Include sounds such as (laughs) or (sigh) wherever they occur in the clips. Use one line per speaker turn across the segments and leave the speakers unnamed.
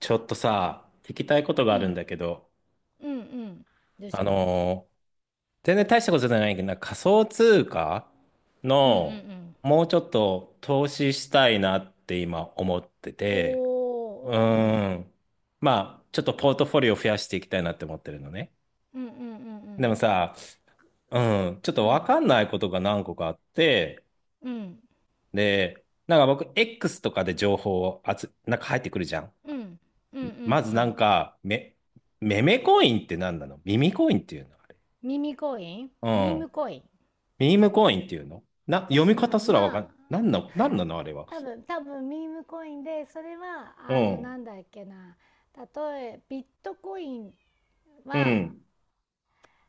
ちょっとさ、聞きたいことが
う
あるん
ん。
だけど、
うんうん。どうし
あ
たの？
のー全然大したことじゃないけど、なんか仮想通貨
うんうんう
の
ん。
もうちょっと投資したいなって今思ってて、う
おー、うんう
ー
ん。
ん。まあ、ちょっとポートフォリオ増やしていきたいなって思ってるのね。
うんう
で
ん
もさ、うちょっ
うん
と
うん。う
わ
ん。
かんないことが何個かあって、
うん。
で、なんか僕、X とかで情報をなんか入ってくるじゃん。
うんうんう
まずなん
ん。
か、メメコインって何なの？耳コインっていうのあれ？う
ミー
ん。
ムコイン。
ミームコインっていうのな、読み
う
方
ん、
すらわか
まあ、
ん、なんの、なんな
(laughs)
のあれは。
多分ミームコインで、それは、
うん。
なんだっけな。ビットコイン
う
は、
ん。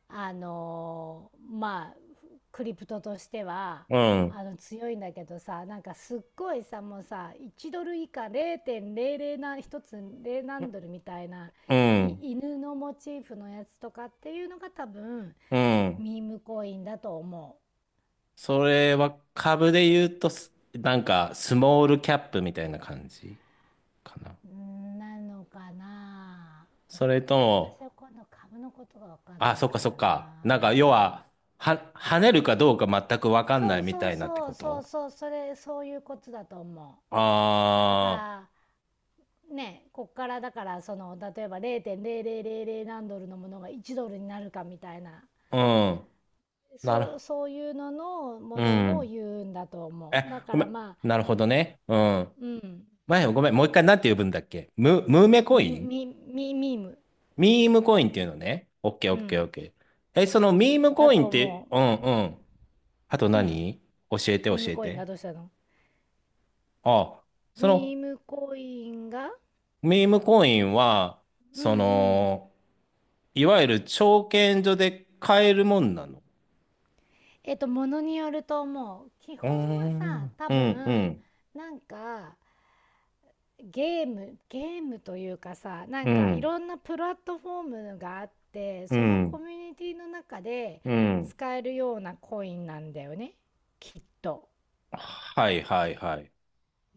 あのまあクリプトとしては
うん。
強いんだけどさ、なんかすっごいさ、もうさ、1ドル以下、0.00な、1つ0何ドルみたいな
うん。
い犬のモチーフのやつとかっていうのが多分
うん。
ミームコインだと思
それは株で言うとなんか、スモールキャップみたいな感じかな。
う。なのかな。
それと
私
も、
は今度株のことが分かん
あ、
ない
そっか
か
そっ
ら
か。なんか、要
な。
は、跳ねるかどうか全くわかん
そ
ない
う
み
そ
た
う
いなって
そ
こ
うそう
と？
そう、それ、そういうことだと思う。だか
あ
らね、こっからだから、その例えば0.0000何ドルのものが1ドルになるかみたいな、
あー、うん。な
そう、
る、
そういうののも
う
のを
ん。
言うんだと思
え、
う。だか
ごめ
ら
ん。
まあ、
なるほどね。うん。
うん。
前、ごめん、もう一回なんて呼ぶんだっけ？ムーメコ
ミ
イン？
ミミミーム、
ミームコインっていうのね。オッケー
う
オッケーオッ
ん、
ケー。え、そのミーム
だ
コイン
と
って、
思
うんうん。あと
う。うん。
何？教えて教
ミーム
え
コイン
て。
がどうしたの？
あ、その
ミームコインが。
ミームコインは、
うんう
そ
ん。
の、いわゆる証券所で買えるもんなの？
ものによると思う。基本
うー
はさ、
ん、
多
うん、う
分、
ん、
なんかゲームというかさ、なん
う
かい
ん、
ろんなプラットフォームがあって、
う
そのコ
ん、
ミュニティの中で
うん。
使えるようなコインなんだよね、きっと。
はいはいはい。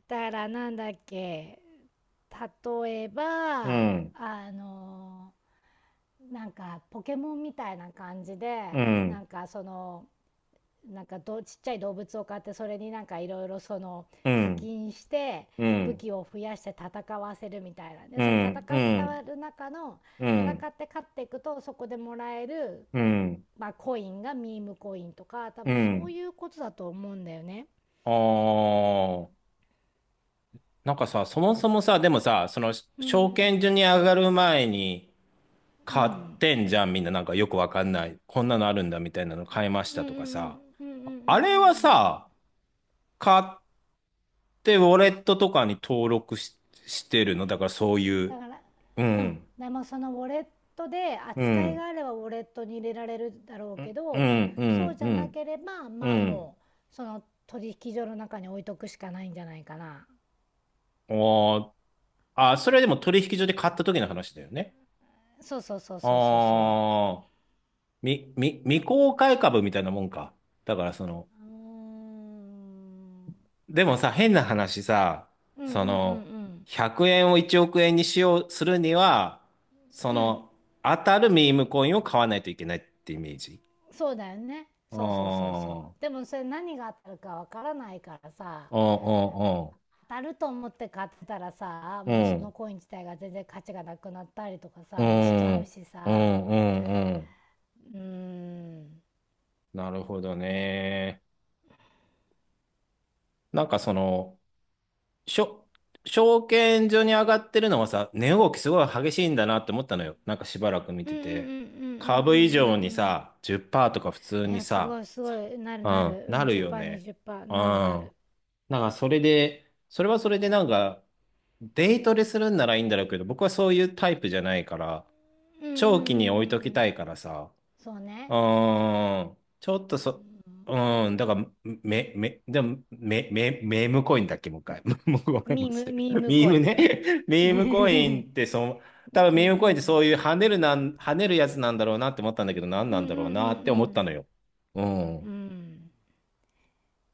だからなんだっけ、例えば、
うん、
あの、なんかポケモンみたいな感じ
う
で、な
ん、
んかその、なんかどちっちゃい動物を買って、それになんかいろいろその
う
課
ん、
金して
う
武
ん、
器を増やして戦わせるみたいな。で
う
その
ん、う
戦わ
ん、
る中の、
うん、う
戦
ん。
って勝っていくとそこでもらえる、
うん
まあ、コインがミームコインとか多
う
分そう
ん。
いうことだと思うんだよね。
ああ。なんかさ、そもそもさ、でもさ、その、
う
証券
ん
所に上がる前に
う
買っ
ん
てんじゃん、みんな。なんかよくわかんない。こんなのあるんだみたいなの買いまし
うんう
た
ん
と
うんう
か
んうん
さ。
うんうんうんうんう
あれは
ん。
さ、買ってウォレットとかに登録してるのだからそうい
だ
う。
から、
う
うん。
ん。
でもそのウォレットで
う
扱い
ん。
があればウォレットに入れられるだろう
う
け
ん。う
ど、
ん。う
そう
ん。
じ
う
ゃな
ん。
ければ、
う
まあ、
ん
もうその取引所の中に置いとくしかないんじゃないかな。
おーあ、それでも取引所で買った時の話だよね。
そうそうそうそうそうそ
ああ。未公開株みたいなもんか。だからその、
う。うーん、
でもさ、変な話さ、
うんうん
そ
う
の、
ん
100円を1億円にしよう、するには、そ
うんうん。
の、当たるミームコインを買わないといけないってイメージ。
そうだよね、
あ
そうそうそうそう。で
あ、
もそれ、何が当たるかわからないからさ、
うん
当たると思って買ってたらさ、
う
もう
んう
その
ん。
コイン自体が全然価値がなくなったりとか
う
さ、もうしち
ん、
ゃ
う
う
ん、
し
うん、う
さ。
ん、うん。
うん。
なるほどね。なんかその、しょ、証券所に上がってるのはさ、値動きすごい激しいんだなって思ったのよ。なんかしばらく見
う
て
んうんうんうんうんうんう
て。
んう
株以上に
ん。
さ、10%とか普通
い
に
や、すご
さ、
いすご
さ
い。なる
う
な
ん、
る。う
な
ん、
るよ
10%、
ね。う
20%。なるな
ん。
る。
なんかそれで、それはそれでなんか、デイトレするんならいいんだろうけど、僕はそういうタイプじゃないから、
うんうんうんう
長期に置
ん
い
う
とき
ん。
たいからさ、
そうね。
ちょっとそ、うん。だから、でも、メームコインだっけ、もう一回。(laughs) もうごめん
ミ
な
ーム、
さい。
ミーム
ミーム
恋。
ね。(laughs) ミ
(laughs) う
ームコイン
ん
って、その、
う
多分ミームコインって
ん
そういう跳ねるやつなんだろうなって思ったんだけど、何
うん
な
うん
ん
う
だろうなって思った
ん
のよ。う
うん
ん。
うん。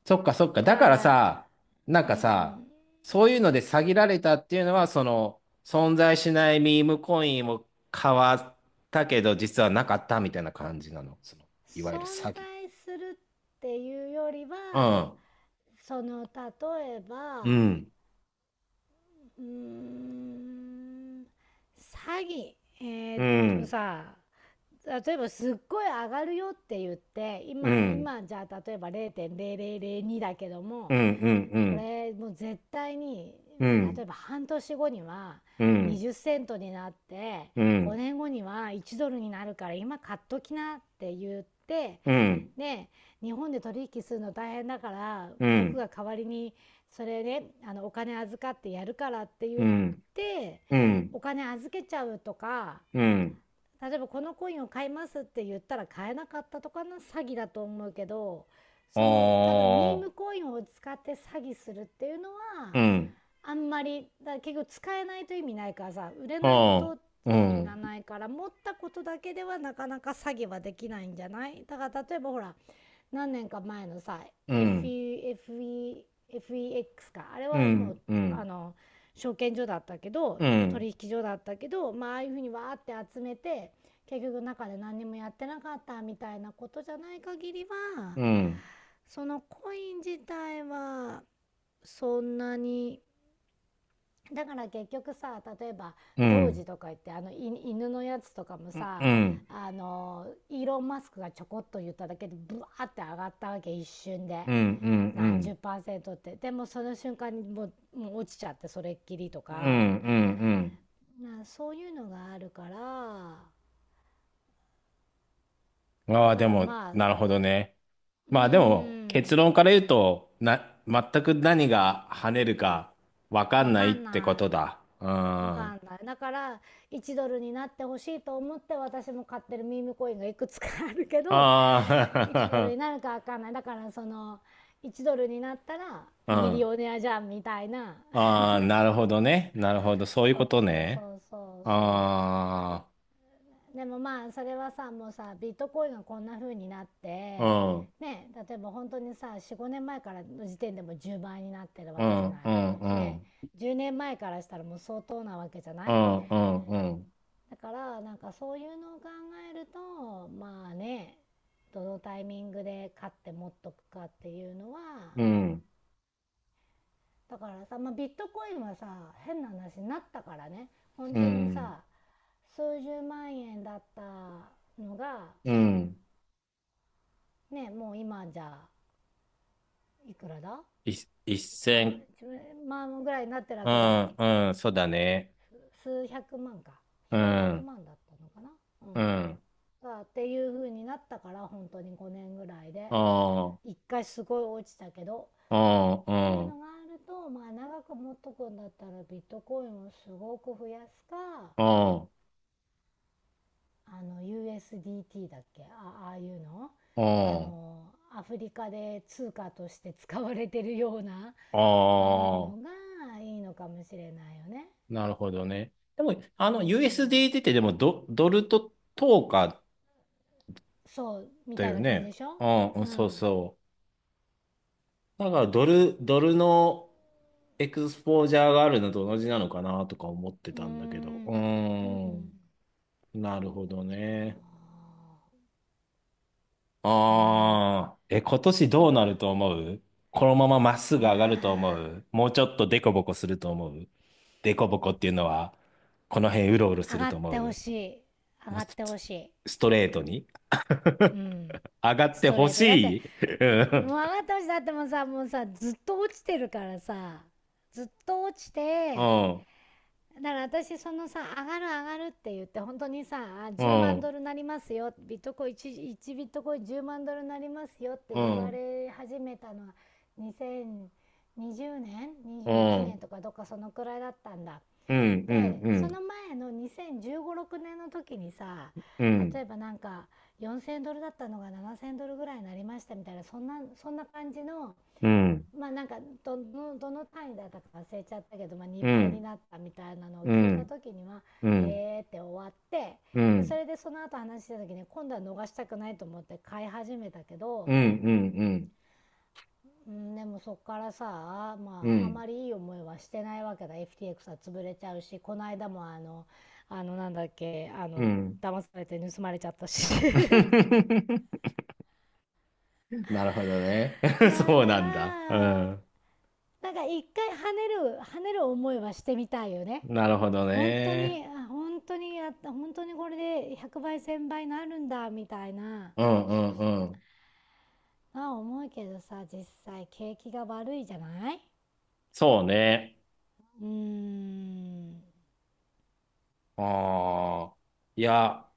そっかそっか。
だ
だか
か
ら
ら、
さ、なん
うんう
かさ、
ん、
そういうので詐欺られたっていうのは、その、存在しないミームコインを買わったけど、実はなかったみたいな感じなの。その、いわゆる
存
詐欺。
在するっていうより
う
は、
ん
その例え
う
ば、
ん
うーん、詐欺、え
う
ーっ
ん
さ、例えばすっごい上がるよって言って、
う
今
ん
今じゃあ例えば0.0002だけど
う
も、
んうんう
こ
ん
れもう絶対に、
うん
例えば半年後には
うん
20セントになって、
うんうん
5年後には1ドルになるから今買っときなって言って、
うん
ね、え、日本で取引するの大変だから
う
僕
ん
が代わりに、それね、お金預かってやるからって言
う
っ
ん
て、
うん
お金預けちゃうとか、
うん
例えばこのコインを買いますって言ったら買えなかったとかの詐欺だと思うけど。その、多分、ミーム
お
コインを使って詐欺するっていうのは、
うん
あんまりだ、結局使えないと意味ないからさ、売れないと
おう
意味が
ん
ないから、持ったことだけではなかなか詐欺はできないんじゃない。だから例えばほら、何年か前のさ、
う
f
ん
E f e f e x か、あれ
う
はもう、
んう
あ
ん
の証券所だったけど、
うん
取引所だったけど、まあ、ああいうふうにわーって集めて結局中で何にもやってなかったみたいなことじゃない限りは、
うん
そのコイン自体はそんなに、だから結局さ、例えば
う
童子
ん
とか言って、あのい犬のやつとかも
うん
さ、
うん
あのイーロン・マスクがちょこっと言っただけでブワーって上がったわけ、一瞬で
うんうんう
何十
ん
パーセントって。でもその瞬間にもう落ちちゃってそれっきりと
うんう
か、
んうんうん。
な、そういうのがあるから。
あ
だ
あ、
か
で
ら
も、
まあ、う
なるほどね。
ー
まあでも、
ん、
結論から言うと、全く何が跳ねるかわかん
わ
ない
か
っ
ん
てこ
な
とだ。うん。
い、わ
あ
かんない。だから、1ドルになってほしいと思って私も買ってるミームコインがいくつかあるけど、1ドル
あ、
になるかわかんない。だからその、1ドルになったら
(laughs) う
ミリ
ん。
オネアじゃんみたいな。
ああ、なるほどね。なるほど。そういう
そ
こ
う
と
そう
ね。
そうそうそ
あ
う。でもまあそれはさ、もうさ、ビットコインがこんな風になって
あ、うん、
ね、例えば本当にさ、45年前からの時点でも10倍になってるわ
う
けじゃない。
ん、うん、う
で、
ん、
10年前からしたらもう相当なわけじゃな
う
い。
ん、うん、
だからなんかそういうのを考えるとまあね、どのタイミングで買って持っとくかっていうのは。
うん、
だからさ、まあ、ビットコインはさ、変な話になったからね。本
う
当に
ん、
さ、数十万円だったのが
うん。
ね、もう今じゃいくらだ、
い一
1万、
線、
1万ぐらいになってるわ
う
けじゃん。
ん、うん、そうだね。
数百万か、
う
数百
ん、
万だったのかな。う
う
ん、
ん。
だっていう風になったから。本当に5年ぐらい
あ
で
あ。
一回すごい落ちたけど
あん
って
あ
いう
ん
のがあると、まあ長く持っとくんだったらビットコインをすごく増やすか、
あん
あの USDT だっけ、あ、ああいうの、
う
あ
ん。
のアフリカで通貨として使われてるような、ああいう
あ
の
あ、
がいいのかもしれないよね。
なるほどね。でも、あ
う
の、
ん、
USDT ってでもドルと等か
そうみ
だ
たい
よ
な感じ
ね。
でしょ。
うん、うん
う
そう
ん。う
そう。だから、ドルのエクスポージャーがあるのと同じなのかなとか思って
ー
たんだけど。う
ん。
ー
うん。
ん、なるほどね。
あーね。
ああ、え、今年
え。な
ど
ん
うな
か、
ると思う？このまままっす
い
ぐ
や
上がると思う？もうちょっとデコボコすると思う？デコボコっていうのは、この辺うろうろ
ー、
す
上
る
がっ
と思
てほ
う？
しい。上
もう
が
ス
ってほしい。
ストレートに
うん。
上がっ
ス
て
ト
ほ
レート。だって、
しい？
もう上がってほしい。だってもさ、もうさ、ずっと落ちてるからさ、ずっと落ち
う
て、
ん
だから私そのさ、上がる上がるって言って本当にさ、10万ドルなりますよ、ビットコイン 1ビットコイン10万ドルなりますよって言われ始めたのは、2020年、
う
21年
ん
とかどっかそのくらいだったんだ。
うん
で
う
その
ん
前の20156年の時にさ、
うん
例えばなんか4,000ドルだったのが7,000ドルぐらいになりましたみたいな、そんな感じの、
うん
まあなんか、どの単位だったか忘れちゃったけど、まあ、
う
2倍に
ん
なったみたいなのを
う
聞いた
ん
時には
うんうん
「へーって終わって。
う
でそ
ん
れで、その後話した時に今度は逃したくないと思って買い始めたけ
うん
ど。
うん
うん、でもそっからさ、
うんう
ま
んう
ああま
ん
りいい思いはしてないわけだ。 FTX は潰れちゃうし、この間もなんだっけ、
うん。
騙されて盗まれちゃったし、 (laughs) だか
なるほどね。(laughs)
ら
そうなんだ。う
な
ん。
んか一回、跳ねる跳ねる思いはしてみたいよね。
なるほど
本当
ね。
に本当にやった、本当にこれで100倍1000倍になるんだみたいな。
うんうんうん。
思うけどさ、実際景気が悪いじゃない。
そうね。
うーん、
ああ。いや、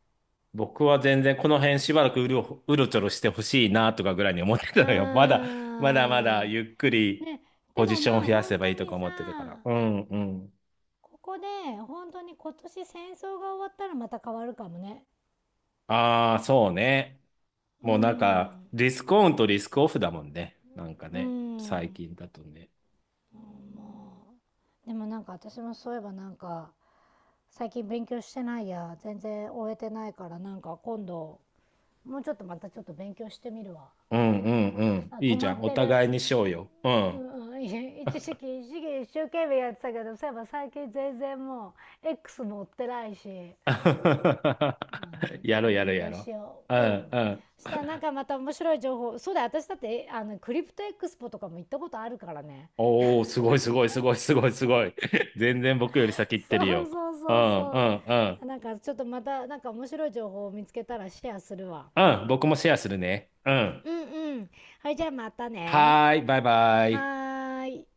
僕は全然この辺しばらくうろちょろしてほしいなとかぐらいに思ってたのよ。(laughs) まだ、
あ
まだまだ
ー
ゆっくり
ね。
ポ
で
ジ
も
ションを
まあ
増や
本
せばい
当
いと
に
か思
さ、
ってたから。うんうん。
ここで本当に、今年戦争が終わったらまた変わるかもね。
ああ、そうね。
うー
もうなんか、
ん、
リスクオンとリスクオフだもんね。なんか
うー
ね、最
ん、
近だとね。
もう。でもなんか私もそういえばなんか、最近勉強してないや、全然終えてないからなんか今度、もうちょっとまたちょっと勉強してみるわ。
うんうんうん。
あ、
い
止
いじ
ま
ゃん。
っ
お
てる。
互いにしようよ。うん。
うん、い一時期、一時期一生懸命やってたけど、そういえば最近全然もう、X 持ってないし、
(laughs)
そうね、ちょ
や
っと
ろやろ
勉
や
強
ろ
しよ
う。ん
う。うん。
うん。
したらなんかまた面白い情報。そうだよ、私だってあのクリプトエクスポとかも行ったことあるからね。
おお、すごいすごいすごいすごいすごい。(laughs) 全然僕より先行っ
そ
てるよ。
うそう
う
そう
んう
そ
んうん。
う。なんかちょっとまたなんか面白い情報を見つけたらシェアするわ。
うん、僕もシェアするね。うん。
うんうん。はい、じゃあまたね。
はーい、バイバ
は
イ。
ーい。